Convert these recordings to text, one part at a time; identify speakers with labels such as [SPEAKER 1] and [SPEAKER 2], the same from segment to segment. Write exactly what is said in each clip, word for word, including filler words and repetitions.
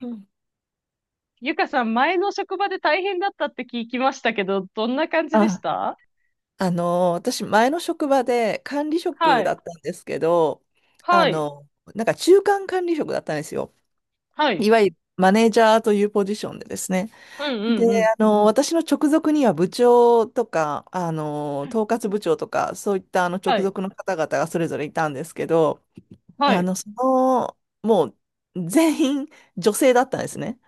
[SPEAKER 1] うん。
[SPEAKER 2] ゆかさん、前の職場で大変だったって聞きましたけど、どんな感じでし
[SPEAKER 1] あ、
[SPEAKER 2] た？
[SPEAKER 1] あのー、私、前の職場で管理
[SPEAKER 2] は
[SPEAKER 1] 職だ
[SPEAKER 2] い。
[SPEAKER 1] ったんですけど、あ
[SPEAKER 2] はい。
[SPEAKER 1] の、なんか中間管理職だったんですよ。
[SPEAKER 2] は
[SPEAKER 1] い
[SPEAKER 2] い。
[SPEAKER 1] わゆるマネージャーというポジションでですね。
[SPEAKER 2] うんう
[SPEAKER 1] で、
[SPEAKER 2] んうん。
[SPEAKER 1] あの、私の直属には部長とか、あの、統括部長とか、そういったあの直
[SPEAKER 2] はい。
[SPEAKER 1] 属の方々がそれぞれいたんですけど、
[SPEAKER 2] は
[SPEAKER 1] あ
[SPEAKER 2] い。
[SPEAKER 1] の、その、もう全員女性だったんですね。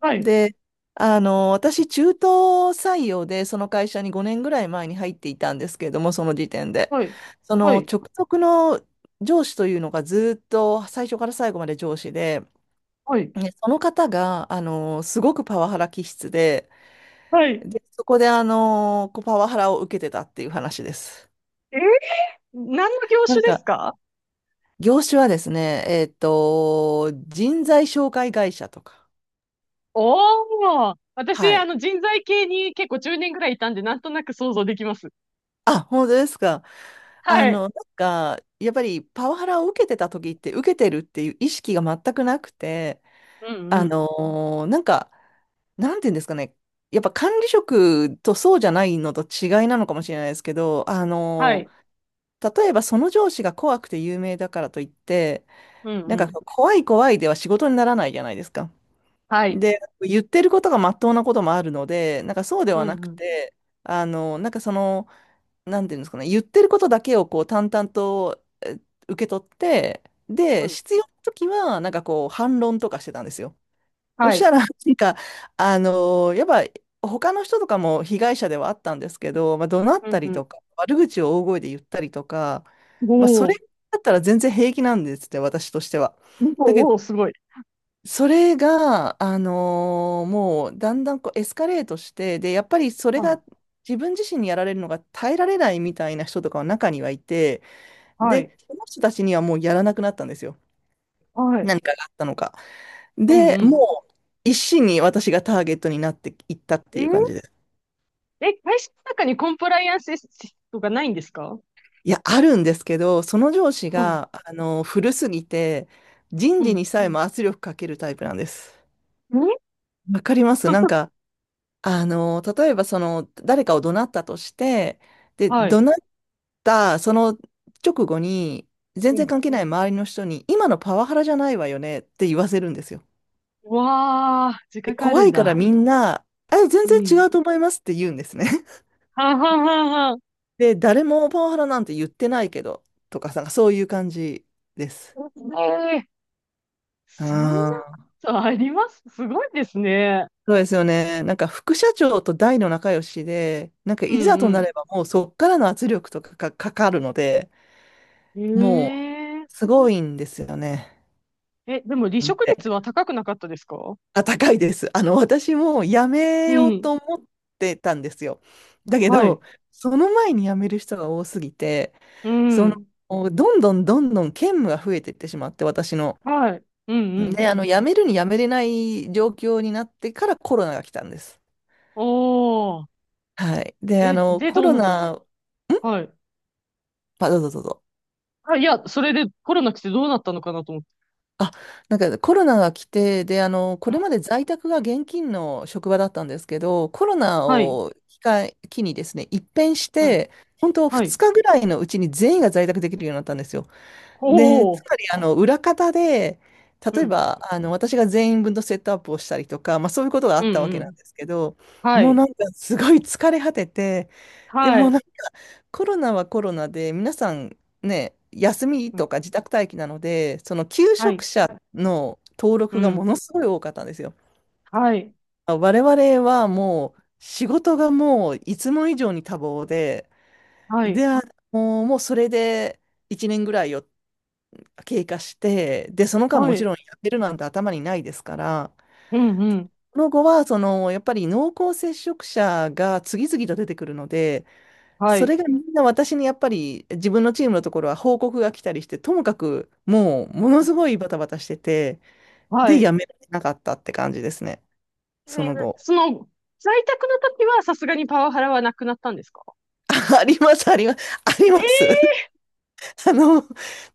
[SPEAKER 2] はい。
[SPEAKER 1] で、あの、私、中途採用で、その会社にごねんぐらい前に入っていたんですけれども、その時点で。
[SPEAKER 2] はい。
[SPEAKER 1] そ
[SPEAKER 2] は
[SPEAKER 1] の
[SPEAKER 2] い。
[SPEAKER 1] 直属の上司というのがずっと最初から最後まで上司で、
[SPEAKER 2] はい。
[SPEAKER 1] でその方が、あの、すごくパワハラ気質で、
[SPEAKER 2] はい。
[SPEAKER 1] で、そこで、あの、こうパワハラを受けてたっていう話です。
[SPEAKER 2] え、何の業
[SPEAKER 1] な
[SPEAKER 2] 種
[SPEAKER 1] ん
[SPEAKER 2] です
[SPEAKER 1] か、
[SPEAKER 2] か？
[SPEAKER 1] 業種はですね、えっと、人材紹介会社とか。
[SPEAKER 2] おー。私、
[SPEAKER 1] は
[SPEAKER 2] あ
[SPEAKER 1] い。
[SPEAKER 2] の、人材系に結構じゅうねんぐらいいたんで、なんとなく想像できます。
[SPEAKER 1] あ、本当ですか？あ
[SPEAKER 2] は
[SPEAKER 1] の、
[SPEAKER 2] い。
[SPEAKER 1] なんか、やっぱりパワハラを受けてた時って、受けてるっていう意識が全くなくて、
[SPEAKER 2] うんう
[SPEAKER 1] あの
[SPEAKER 2] ん。
[SPEAKER 1] ーなんか、なんていうんですかね、やっぱ管理職とそうじゃないのと違いなのかもしれないですけど、あ
[SPEAKER 2] は
[SPEAKER 1] の
[SPEAKER 2] い。
[SPEAKER 1] ー例えばその上司が怖くて有名だからといって、
[SPEAKER 2] うん
[SPEAKER 1] な
[SPEAKER 2] う
[SPEAKER 1] んか
[SPEAKER 2] ん。
[SPEAKER 1] 怖い怖いでは仕事にならないじゃないですか。
[SPEAKER 2] はい。
[SPEAKER 1] で、言ってることがまっとうなこともあるので、なんかそうで
[SPEAKER 2] うん
[SPEAKER 1] はな
[SPEAKER 2] う
[SPEAKER 1] く
[SPEAKER 2] ん。
[SPEAKER 1] て、あの、なんかその、なんていうんですかね、言ってることだけをこう淡々とえ受け取って、
[SPEAKER 2] う
[SPEAKER 1] で、
[SPEAKER 2] ん。
[SPEAKER 1] 必要な時は、なんかこう、反論とかしてたんですよ。そ
[SPEAKER 2] は
[SPEAKER 1] した
[SPEAKER 2] い。
[SPEAKER 1] ら、なんか、あのーやっぱ、他の人とかも被害者ではあったんですけど、まあ、怒鳴っ
[SPEAKER 2] う
[SPEAKER 1] たり
[SPEAKER 2] ん
[SPEAKER 1] とか、悪口を大声で言ったりとか、
[SPEAKER 2] うん。
[SPEAKER 1] まあ、それ
[SPEAKER 2] おー。
[SPEAKER 1] だったら全然平気なんですって、私としては。だけど、
[SPEAKER 2] おー、すごい。
[SPEAKER 1] それが、あのーもうだんだんこうエスカレートして、で、やっぱりそれ
[SPEAKER 2] あ、
[SPEAKER 1] が自分自身にやられるのが耐えられないみたいな人とかは中にはいて、
[SPEAKER 2] はい。
[SPEAKER 1] で、その人たちにはもうやらなくなったんですよ。
[SPEAKER 2] はい。
[SPEAKER 1] 何かがあったのか。
[SPEAKER 2] うん
[SPEAKER 1] で、
[SPEAKER 2] うん。
[SPEAKER 1] もう一心に私がターゲットになっていったっ
[SPEAKER 2] え
[SPEAKER 1] てい
[SPEAKER 2] ー、
[SPEAKER 1] う感じです。
[SPEAKER 2] え、会社の中にコンプライアンスシストがないんですか？
[SPEAKER 1] いや、あるんですけど、その上司
[SPEAKER 2] うん、
[SPEAKER 1] が、あのー古すぎて、人
[SPEAKER 2] う
[SPEAKER 1] 事
[SPEAKER 2] ん。
[SPEAKER 1] にさえも圧力かけるタイプなんです。
[SPEAKER 2] え。
[SPEAKER 1] わかりますなん か、あの、例えばその、誰かを怒鳴ったとして、で、
[SPEAKER 2] はい。
[SPEAKER 1] 怒鳴ったその直後に、全
[SPEAKER 2] う
[SPEAKER 1] 然関
[SPEAKER 2] ん。
[SPEAKER 1] 係ない周りの人に、今のパワハラじゃないわよねって言わせるんですよ。
[SPEAKER 2] うわあ、自
[SPEAKER 1] で
[SPEAKER 2] 覚あ
[SPEAKER 1] 怖
[SPEAKER 2] るん
[SPEAKER 1] いから
[SPEAKER 2] だ。
[SPEAKER 1] みんな、え、全
[SPEAKER 2] う
[SPEAKER 1] 然
[SPEAKER 2] ん。
[SPEAKER 1] 違うと思いますって言うんですね。
[SPEAKER 2] はんはんはんはん。
[SPEAKER 1] で、誰もパワハラなんて言ってないけど、とかなんかそういう感じです。
[SPEAKER 2] ええ、そんな
[SPEAKER 1] あ
[SPEAKER 2] こ
[SPEAKER 1] あ、
[SPEAKER 2] とあります？すごいですね。
[SPEAKER 1] そうですよね。なんか副社長と大の仲良しで、なんか
[SPEAKER 2] う
[SPEAKER 1] いざとな
[SPEAKER 2] ん
[SPEAKER 1] ればもうそっからの圧力とかがかかるので、
[SPEAKER 2] う
[SPEAKER 1] も
[SPEAKER 2] ん。え
[SPEAKER 1] う、すごいんですよね。
[SPEAKER 2] え、え、でも離
[SPEAKER 1] なん
[SPEAKER 2] 職
[SPEAKER 1] て。
[SPEAKER 2] 率は高くなかったですか？
[SPEAKER 1] あ、高いです。あの、私も辞め
[SPEAKER 2] う
[SPEAKER 1] よう
[SPEAKER 2] ん。
[SPEAKER 1] と思ってたんですよ。だけ
[SPEAKER 2] はい。
[SPEAKER 1] ど、その前に辞める人が多すぎて、
[SPEAKER 2] う
[SPEAKER 1] その、
[SPEAKER 2] ん。
[SPEAKER 1] どんどんどんどん兼務が増えていってしまって、私の。
[SPEAKER 2] はい。うんう
[SPEAKER 1] で、
[SPEAKER 2] ん。
[SPEAKER 1] あの、辞めるに辞めれない状況になってからコロナが来たんです。
[SPEAKER 2] おー。
[SPEAKER 1] はい。で、あ
[SPEAKER 2] え、
[SPEAKER 1] の、
[SPEAKER 2] で、
[SPEAKER 1] コ
[SPEAKER 2] どう
[SPEAKER 1] ロ
[SPEAKER 2] なったんです
[SPEAKER 1] ナ、
[SPEAKER 2] か？
[SPEAKER 1] ん
[SPEAKER 2] はい。
[SPEAKER 1] あ、どうぞどうぞ。
[SPEAKER 2] あ、いや、それでコロナ来てどうなったのかなと思って。
[SPEAKER 1] あ、なんかコロナが来て、で、あの、こ
[SPEAKER 2] う
[SPEAKER 1] れま
[SPEAKER 2] ん。
[SPEAKER 1] で在宅が現金の職場だったんですけど、コロナ
[SPEAKER 2] はい。
[SPEAKER 1] を機会、機にですね、一変し
[SPEAKER 2] うん。
[SPEAKER 1] て、本当
[SPEAKER 2] は
[SPEAKER 1] 2
[SPEAKER 2] い。
[SPEAKER 1] 日ぐらいのうちに全員が在宅できるようになったんですよ。で、
[SPEAKER 2] お
[SPEAKER 1] つ
[SPEAKER 2] お。
[SPEAKER 1] まり、あの、裏方で、
[SPEAKER 2] う
[SPEAKER 1] 例え
[SPEAKER 2] ん。
[SPEAKER 1] ば、あの、私が全員分のセットアップをしたりとか、まあそういうことがあ
[SPEAKER 2] う
[SPEAKER 1] ったわ
[SPEAKER 2] んう
[SPEAKER 1] けなん
[SPEAKER 2] ん。
[SPEAKER 1] ですけど、
[SPEAKER 2] は
[SPEAKER 1] もう
[SPEAKER 2] い。
[SPEAKER 1] なんかすごい疲れ果てて、で
[SPEAKER 2] は
[SPEAKER 1] もう
[SPEAKER 2] い。
[SPEAKER 1] コロナはコロナで、皆さんね、休み
[SPEAKER 2] う
[SPEAKER 1] と
[SPEAKER 2] ん。
[SPEAKER 1] か自宅待機なので、その求
[SPEAKER 2] は
[SPEAKER 1] 職
[SPEAKER 2] い。
[SPEAKER 1] 者の登
[SPEAKER 2] う
[SPEAKER 1] 録がも
[SPEAKER 2] ん。
[SPEAKER 1] のすごい多かったんですよ。
[SPEAKER 2] はい。
[SPEAKER 1] 我々はもう仕事がもういつも以上に多忙で、
[SPEAKER 2] はい。
[SPEAKER 1] で、あのもうそれでいちねんぐらいを経過して、で、その間
[SPEAKER 2] は
[SPEAKER 1] もち
[SPEAKER 2] い。
[SPEAKER 1] ろんやってるなんて頭にないですから、
[SPEAKER 2] うんうん。
[SPEAKER 1] その後はそのやっぱり濃厚接触者が次々と出てくるので、
[SPEAKER 2] は
[SPEAKER 1] そ
[SPEAKER 2] い。
[SPEAKER 1] れがみんな私にやっぱり自分のチームのところは報告が来たりして、ともかくもうも
[SPEAKER 2] う
[SPEAKER 1] のす
[SPEAKER 2] ん。
[SPEAKER 1] ごいバタバタしてて、
[SPEAKER 2] は
[SPEAKER 1] で、
[SPEAKER 2] い。
[SPEAKER 1] やめられなかったって感じですね。
[SPEAKER 2] え
[SPEAKER 1] その
[SPEAKER 2] ー、
[SPEAKER 1] 後。
[SPEAKER 2] その、在宅の時はさすがにパワハラはなくなったんですか？
[SPEAKER 1] あります、あります、あり
[SPEAKER 2] え
[SPEAKER 1] ます。
[SPEAKER 2] ー。
[SPEAKER 1] あの、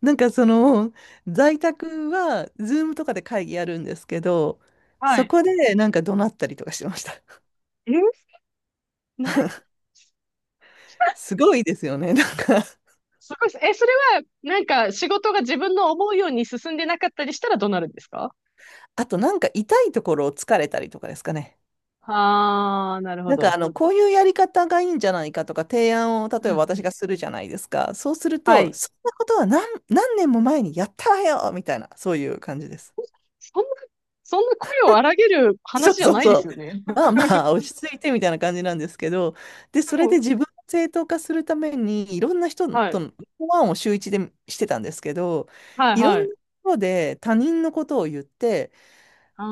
[SPEAKER 1] なんかその、在宅は、ズームとかで会議やるんですけど、
[SPEAKER 2] は
[SPEAKER 1] そ
[SPEAKER 2] い。
[SPEAKER 1] こでなんか怒鳴ったりとかしてました。
[SPEAKER 2] え、な、
[SPEAKER 1] すごいですよね。なんか、
[SPEAKER 2] すごいです。え、それは、なんか、仕事が自分の思うように進んでなかったりしたらどうなるんですか？
[SPEAKER 1] あとなんか痛いところを疲れたりとかですかね。
[SPEAKER 2] ああー、なるほ
[SPEAKER 1] なんか
[SPEAKER 2] ど。
[SPEAKER 1] あの、こういうやり方がいいんじゃないかとか提案を例
[SPEAKER 2] うん
[SPEAKER 1] え
[SPEAKER 2] う
[SPEAKER 1] ば私
[SPEAKER 2] ん。
[SPEAKER 1] がするじゃないですか。そうする
[SPEAKER 2] は
[SPEAKER 1] と、
[SPEAKER 2] い。
[SPEAKER 1] そんなことは何、何年も前にやったわよみたいな、そういう感じです。
[SPEAKER 2] そんな、そんな声を荒げる
[SPEAKER 1] そ
[SPEAKER 2] 話
[SPEAKER 1] う
[SPEAKER 2] じゃ
[SPEAKER 1] そう
[SPEAKER 2] ないで
[SPEAKER 1] そ
[SPEAKER 2] す
[SPEAKER 1] う。
[SPEAKER 2] よね。
[SPEAKER 1] まあ まあ、落ち着いてみたいな感じなんですけど、で、そ
[SPEAKER 2] も
[SPEAKER 1] れで
[SPEAKER 2] う、
[SPEAKER 1] 自分を正当化するために、いろんな人
[SPEAKER 2] は
[SPEAKER 1] と
[SPEAKER 2] い。
[SPEAKER 1] のワンを週一でしてたんですけど、
[SPEAKER 2] はい
[SPEAKER 1] いろん
[SPEAKER 2] は
[SPEAKER 1] な
[SPEAKER 2] い。
[SPEAKER 1] ところで他人のことを言って、
[SPEAKER 2] あ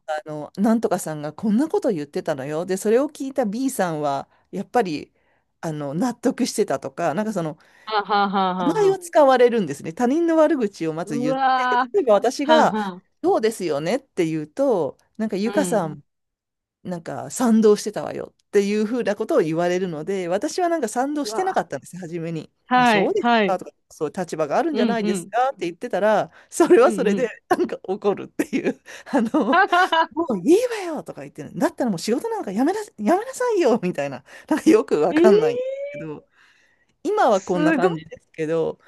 [SPEAKER 2] あ。
[SPEAKER 1] あの、なんとかさんがこんなこと言ってたのよ。で、それを聞いた ビー さんは、やっぱり、あの、納得してたとか、なんかその、
[SPEAKER 2] はんはんはんは
[SPEAKER 1] 名
[SPEAKER 2] ん
[SPEAKER 1] 前
[SPEAKER 2] は。
[SPEAKER 1] を使われるんですね。他人の悪口をまず
[SPEAKER 2] う
[SPEAKER 1] 言って、で
[SPEAKER 2] わー。
[SPEAKER 1] 例えば私
[SPEAKER 2] はん
[SPEAKER 1] が、
[SPEAKER 2] はん。
[SPEAKER 1] そうですよねって言うと、なんか、
[SPEAKER 2] う
[SPEAKER 1] ゆかさ
[SPEAKER 2] ん。
[SPEAKER 1] ん、なんか、賛同してたわよっていうふうなことを言われるので、私はなんか賛同
[SPEAKER 2] う
[SPEAKER 1] して
[SPEAKER 2] わ
[SPEAKER 1] な
[SPEAKER 2] ー。
[SPEAKER 1] かったんです初めに。あ
[SPEAKER 2] は
[SPEAKER 1] そう
[SPEAKER 2] い、
[SPEAKER 1] です
[SPEAKER 2] はい。
[SPEAKER 1] かとか、そう立場があるん
[SPEAKER 2] う
[SPEAKER 1] じゃ
[SPEAKER 2] ん、
[SPEAKER 1] ない
[SPEAKER 2] う
[SPEAKER 1] です
[SPEAKER 2] ん。
[SPEAKER 1] かって言ってたら、それ
[SPEAKER 2] う
[SPEAKER 1] は
[SPEAKER 2] ん、
[SPEAKER 1] そ
[SPEAKER 2] う
[SPEAKER 1] れで、
[SPEAKER 2] ん。
[SPEAKER 1] なんか怒るっていう、あ
[SPEAKER 2] は
[SPEAKER 1] の、
[SPEAKER 2] はは。
[SPEAKER 1] もういいわよとか言ってる。だったらもう仕事なんかやめな、やめなさいよみたいな。なんかよく
[SPEAKER 2] え
[SPEAKER 1] わ
[SPEAKER 2] ー、
[SPEAKER 1] かんないんですけど、今はこんな
[SPEAKER 2] すごい。
[SPEAKER 1] 感じですけど、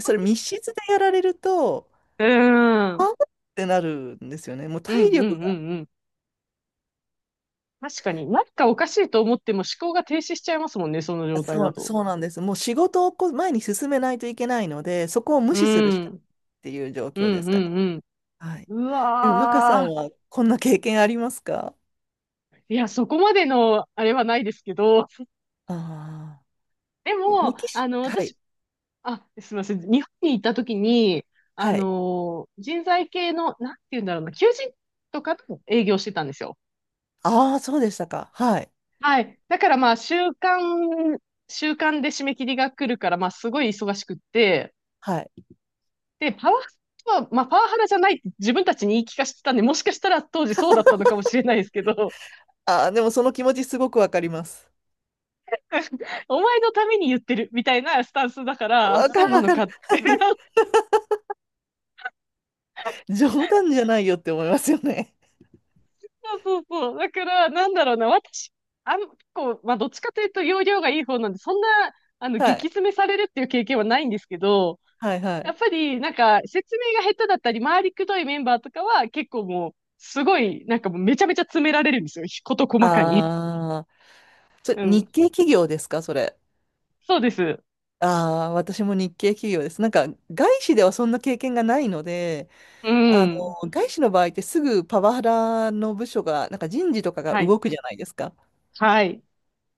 [SPEAKER 1] それ密室でやられると、
[SPEAKER 2] うーん。う
[SPEAKER 1] あ
[SPEAKER 2] ん、
[SPEAKER 1] ーってなるんですよね。もう
[SPEAKER 2] う
[SPEAKER 1] 体
[SPEAKER 2] ん、うん、
[SPEAKER 1] 力が。
[SPEAKER 2] うん。確かに、なんかおかしいと思っても思考が停止しちゃいますもんね、その
[SPEAKER 1] あ
[SPEAKER 2] 状態
[SPEAKER 1] そ
[SPEAKER 2] だ
[SPEAKER 1] う、
[SPEAKER 2] と。
[SPEAKER 1] そうなんです。もう仕事をこう前に進めないといけないので、そこを無
[SPEAKER 2] う
[SPEAKER 1] 視するしかない
[SPEAKER 2] ん。
[SPEAKER 1] っていう状
[SPEAKER 2] う
[SPEAKER 1] 況で
[SPEAKER 2] ん、
[SPEAKER 1] す
[SPEAKER 2] う
[SPEAKER 1] かね。
[SPEAKER 2] ん、
[SPEAKER 1] はい。
[SPEAKER 2] うん。う
[SPEAKER 1] でも、マカさ
[SPEAKER 2] わ
[SPEAKER 1] ん
[SPEAKER 2] ー。
[SPEAKER 1] はこんな経験ありますか？
[SPEAKER 2] いや、そこまでの、あれはないですけど、
[SPEAKER 1] ああ
[SPEAKER 2] で
[SPEAKER 1] ー。メ
[SPEAKER 2] も、
[SPEAKER 1] キ
[SPEAKER 2] あ
[SPEAKER 1] シ、
[SPEAKER 2] の、
[SPEAKER 1] はい。
[SPEAKER 2] 私、あ、すみません、日本に行った時に、あ
[SPEAKER 1] はい。
[SPEAKER 2] の、人材系の、なんて言うんだろうな、求人とかと営業してたんですよ。
[SPEAKER 1] ああ、そうでしたか。はい。
[SPEAKER 2] はい。だからまあ、週間、週間で締め切りが来るから、まあ、すごい忙しくって、
[SPEAKER 1] はい。
[SPEAKER 2] で、パワハラは、まあ、パワハラじゃないって自分たちに言い聞かせてたんで、もしかしたら当時そうだったのかもしれないですけど、
[SPEAKER 1] ああ、でもその気持ちすごくわかります。
[SPEAKER 2] お前のために言ってるみたいなスタンスだから、あ、
[SPEAKER 1] わ
[SPEAKER 2] そ
[SPEAKER 1] か
[SPEAKER 2] う
[SPEAKER 1] る
[SPEAKER 2] な
[SPEAKER 1] わ
[SPEAKER 2] の
[SPEAKER 1] か
[SPEAKER 2] か
[SPEAKER 1] る。
[SPEAKER 2] って。
[SPEAKER 1] 冗談じゃないよって思いますよね。
[SPEAKER 2] そうそうそう。だから、なんだろうな、私、あん、結構、まあ、どっちかというと、容量がいい方なんで、そんな、あの、
[SPEAKER 1] は
[SPEAKER 2] 激
[SPEAKER 1] い。
[SPEAKER 2] 詰めされるっていう経験はないんですけど、
[SPEAKER 1] はいは
[SPEAKER 2] や
[SPEAKER 1] い。
[SPEAKER 2] っぱり、なんか、説明が下手だったり、回りくどいメンバーとかは、結構もう、すごい、なんかもう、めちゃめちゃ詰められるんですよ。事細かに。
[SPEAKER 1] ああ、それ
[SPEAKER 2] う
[SPEAKER 1] 日
[SPEAKER 2] ん。
[SPEAKER 1] 系企業ですか、それ？
[SPEAKER 2] そうです。
[SPEAKER 1] ああ、私も日系企業です。なんか、外資ではそんな経験がないので、
[SPEAKER 2] う
[SPEAKER 1] あの、
[SPEAKER 2] ん。
[SPEAKER 1] 外資の場合ってすぐパワハラの部署が、なんか人事とかが
[SPEAKER 2] はい。
[SPEAKER 1] 動くじゃないですか。
[SPEAKER 2] はい。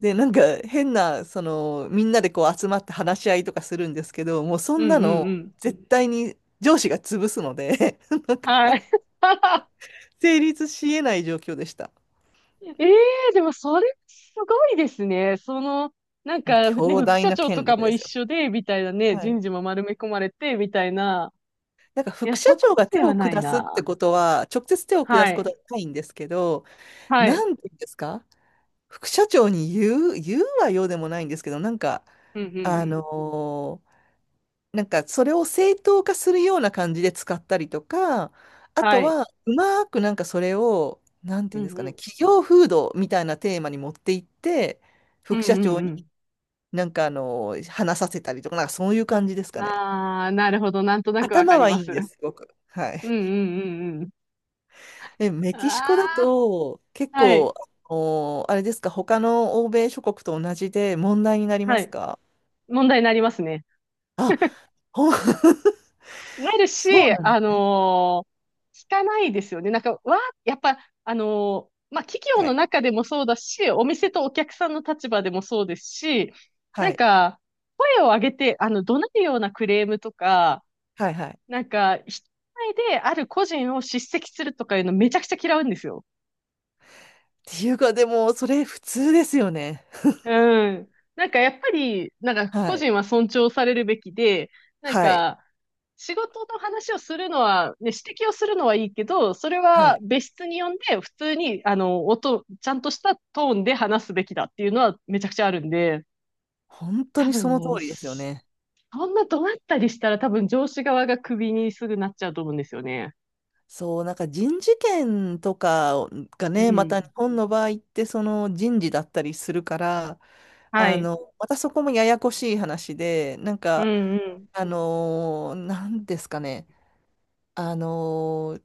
[SPEAKER 1] で、なんか変な、その、みんなでこう集まって話し合いとかするんですけど、もうそ
[SPEAKER 2] う
[SPEAKER 1] んな
[SPEAKER 2] んう
[SPEAKER 1] の
[SPEAKER 2] んうん。
[SPEAKER 1] 絶対に上司が潰すので、
[SPEAKER 2] はい。
[SPEAKER 1] 成立し得ない状況でした。
[SPEAKER 2] ええ、でもそれすごいですね。その、なん
[SPEAKER 1] まあ、
[SPEAKER 2] かね、
[SPEAKER 1] 強
[SPEAKER 2] 副
[SPEAKER 1] 大
[SPEAKER 2] 社
[SPEAKER 1] な
[SPEAKER 2] 長と
[SPEAKER 1] 権
[SPEAKER 2] か
[SPEAKER 1] 力
[SPEAKER 2] も
[SPEAKER 1] で
[SPEAKER 2] 一
[SPEAKER 1] すよ。
[SPEAKER 2] 緒で、みたいなね、
[SPEAKER 1] はい。
[SPEAKER 2] 人事も丸め込まれて、みたいな。
[SPEAKER 1] なんか
[SPEAKER 2] いや、
[SPEAKER 1] 副社
[SPEAKER 2] そこ
[SPEAKER 1] 長が
[SPEAKER 2] ま
[SPEAKER 1] 手
[SPEAKER 2] では
[SPEAKER 1] を
[SPEAKER 2] ない
[SPEAKER 1] 下すって
[SPEAKER 2] な。
[SPEAKER 1] ことは、直接手を下
[SPEAKER 2] は
[SPEAKER 1] すこと
[SPEAKER 2] い。
[SPEAKER 1] はないんですけど、
[SPEAKER 2] は
[SPEAKER 1] な
[SPEAKER 2] い。
[SPEAKER 1] んて言うんですか？副社長に言う、言うはようでもないんですけど、なんか、
[SPEAKER 2] うんうん
[SPEAKER 1] あ
[SPEAKER 2] うん。
[SPEAKER 1] のーなんかそれを正当化するような感じで使ったりとか、あ
[SPEAKER 2] は
[SPEAKER 1] と
[SPEAKER 2] い。
[SPEAKER 1] は、うまくなんかそれを、なん
[SPEAKER 2] う
[SPEAKER 1] てい
[SPEAKER 2] ん
[SPEAKER 1] うんですか
[SPEAKER 2] う
[SPEAKER 1] ね、
[SPEAKER 2] ん。
[SPEAKER 1] 企業風土みたいなテーマに持っていって、
[SPEAKER 2] うん
[SPEAKER 1] 副
[SPEAKER 2] う
[SPEAKER 1] 社長に
[SPEAKER 2] ん
[SPEAKER 1] なんかあの、話させたりとか、なんかそういう感じです
[SPEAKER 2] う
[SPEAKER 1] か
[SPEAKER 2] ん。
[SPEAKER 1] ね。
[SPEAKER 2] ああ、なるほど。なんとなくわか
[SPEAKER 1] 頭
[SPEAKER 2] り
[SPEAKER 1] はい
[SPEAKER 2] ま
[SPEAKER 1] いん
[SPEAKER 2] す。
[SPEAKER 1] です、すごく。はい。
[SPEAKER 2] うんうんうんうん。
[SPEAKER 1] え、メキシコだ
[SPEAKER 2] あ
[SPEAKER 1] と、結
[SPEAKER 2] あ、はい。
[SPEAKER 1] 構、お、あれですか、他の欧米諸国と同じで問題になりま
[SPEAKER 2] は
[SPEAKER 1] す
[SPEAKER 2] い。
[SPEAKER 1] か？
[SPEAKER 2] 問題になりますね。
[SPEAKER 1] あ、ほん
[SPEAKER 2] なるし、
[SPEAKER 1] そうなんで
[SPEAKER 2] あ
[SPEAKER 1] す。
[SPEAKER 2] のー聞かないですよね。なんか、わ、やっぱ、あのーまあ、企業
[SPEAKER 1] は
[SPEAKER 2] の
[SPEAKER 1] い。
[SPEAKER 2] 中でもそうだし、お店とお客さんの立場でもそうですし、な
[SPEAKER 1] は
[SPEAKER 2] ん
[SPEAKER 1] い。
[SPEAKER 2] か、声を上げて、あの、怒鳴るようなクレームとか、
[SPEAKER 1] はい。はい。
[SPEAKER 2] なんか、人前である個人を叱責するとかいうのめちゃくちゃ嫌うんですよ。
[SPEAKER 1] っていうか、でも、それ普通ですよね。
[SPEAKER 2] うん。なんかやっぱり、なんか個
[SPEAKER 1] はい。
[SPEAKER 2] 人は尊重されるべきで、なん
[SPEAKER 1] はい。
[SPEAKER 2] か仕事の話をするのは、ね、指摘をするのはいいけど、それ
[SPEAKER 1] は
[SPEAKER 2] は
[SPEAKER 1] い。
[SPEAKER 2] 別室に呼んで、普通に、あの、音、ちゃんとしたトーンで話すべきだっていうのはめちゃくちゃあるんで、
[SPEAKER 1] 本当
[SPEAKER 2] 多
[SPEAKER 1] にそ
[SPEAKER 2] 分
[SPEAKER 1] の通
[SPEAKER 2] ね、
[SPEAKER 1] りですよね。
[SPEAKER 2] そんな怒鳴ったりしたら多分上司側がクビにすぐなっちゃうと思うんですよね。
[SPEAKER 1] そう、なんか人事権とかが
[SPEAKER 2] う
[SPEAKER 1] ね、ま
[SPEAKER 2] ん。
[SPEAKER 1] た日本の場合ってその人事だったりするから、
[SPEAKER 2] は
[SPEAKER 1] あ
[SPEAKER 2] い。
[SPEAKER 1] の、またそこもややこしい話で、なん
[SPEAKER 2] う
[SPEAKER 1] か、
[SPEAKER 2] んうん。
[SPEAKER 1] あのーなんですかね、あの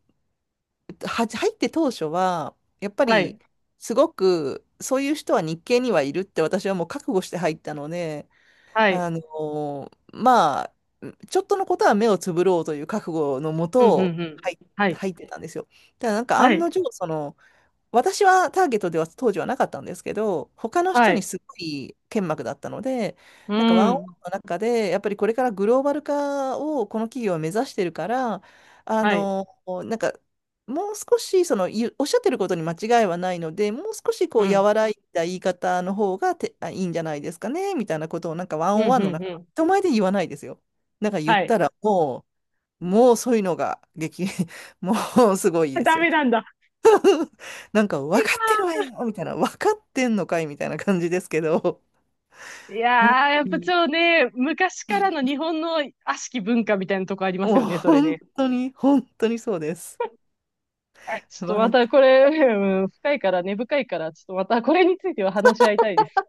[SPEAKER 1] ーは、入って当初は、やっぱ
[SPEAKER 2] は
[SPEAKER 1] り、
[SPEAKER 2] い。
[SPEAKER 1] すごく、そういう人は日系にはいるって私はもう覚悟して入ったので、
[SPEAKER 2] はい。
[SPEAKER 1] あのーまあ、ちょっとのことは目をつぶろうという覚悟のも
[SPEAKER 2] うんうん
[SPEAKER 1] と、
[SPEAKER 2] うん。
[SPEAKER 1] 入、
[SPEAKER 2] はい。
[SPEAKER 1] 入ってたんですよ。ただなんか
[SPEAKER 2] は
[SPEAKER 1] 案の
[SPEAKER 2] い。
[SPEAKER 1] 定、その、私はターゲットでは当時はなかったんですけど、他の
[SPEAKER 2] は
[SPEAKER 1] 人に
[SPEAKER 2] い。
[SPEAKER 1] すごい剣幕だったので、
[SPEAKER 2] う
[SPEAKER 1] なんかワンオンワ
[SPEAKER 2] ん。
[SPEAKER 1] ンの中で、やっぱりこれからグローバル化をこの企業は目指してるから、あ
[SPEAKER 2] はい。
[SPEAKER 1] の、なんか、もう少しその、ゆおっしゃってることに間違いはないので、もう少しこ
[SPEAKER 2] う
[SPEAKER 1] う、
[SPEAKER 2] ん。
[SPEAKER 1] 和らいだ言い方の方がて、あ、いいんじゃないですかね、みたいなことを、なんかワン
[SPEAKER 2] う
[SPEAKER 1] オン
[SPEAKER 2] ん、う
[SPEAKER 1] ワンの
[SPEAKER 2] ん、
[SPEAKER 1] 中、
[SPEAKER 2] うん。
[SPEAKER 1] 人前で言わないですよ。なんか言っ
[SPEAKER 2] はい。
[SPEAKER 1] たら、もう、もうそういうのが激、もうすごいで
[SPEAKER 2] ダ
[SPEAKER 1] す
[SPEAKER 2] メ
[SPEAKER 1] よ。
[SPEAKER 2] なんだ。
[SPEAKER 1] なんか、分かってるわよみたいな、分かってんのかいみたいな感じですけど、
[SPEAKER 2] いや
[SPEAKER 1] 本
[SPEAKER 2] ー、やっ
[SPEAKER 1] 当
[SPEAKER 2] ぱ
[SPEAKER 1] に、
[SPEAKER 2] ちょっとね、昔からの日本の悪しき文化みたいなとこあります
[SPEAKER 1] もう
[SPEAKER 2] よね、それ
[SPEAKER 1] 本
[SPEAKER 2] ね。
[SPEAKER 1] 当に、本当にそうです。
[SPEAKER 2] はい。ちょっと
[SPEAKER 1] バ
[SPEAKER 2] ま
[SPEAKER 1] ラン
[SPEAKER 2] たこれ、うん、深いから、根深いから、ちょっとまたこれについては話し合いたいです。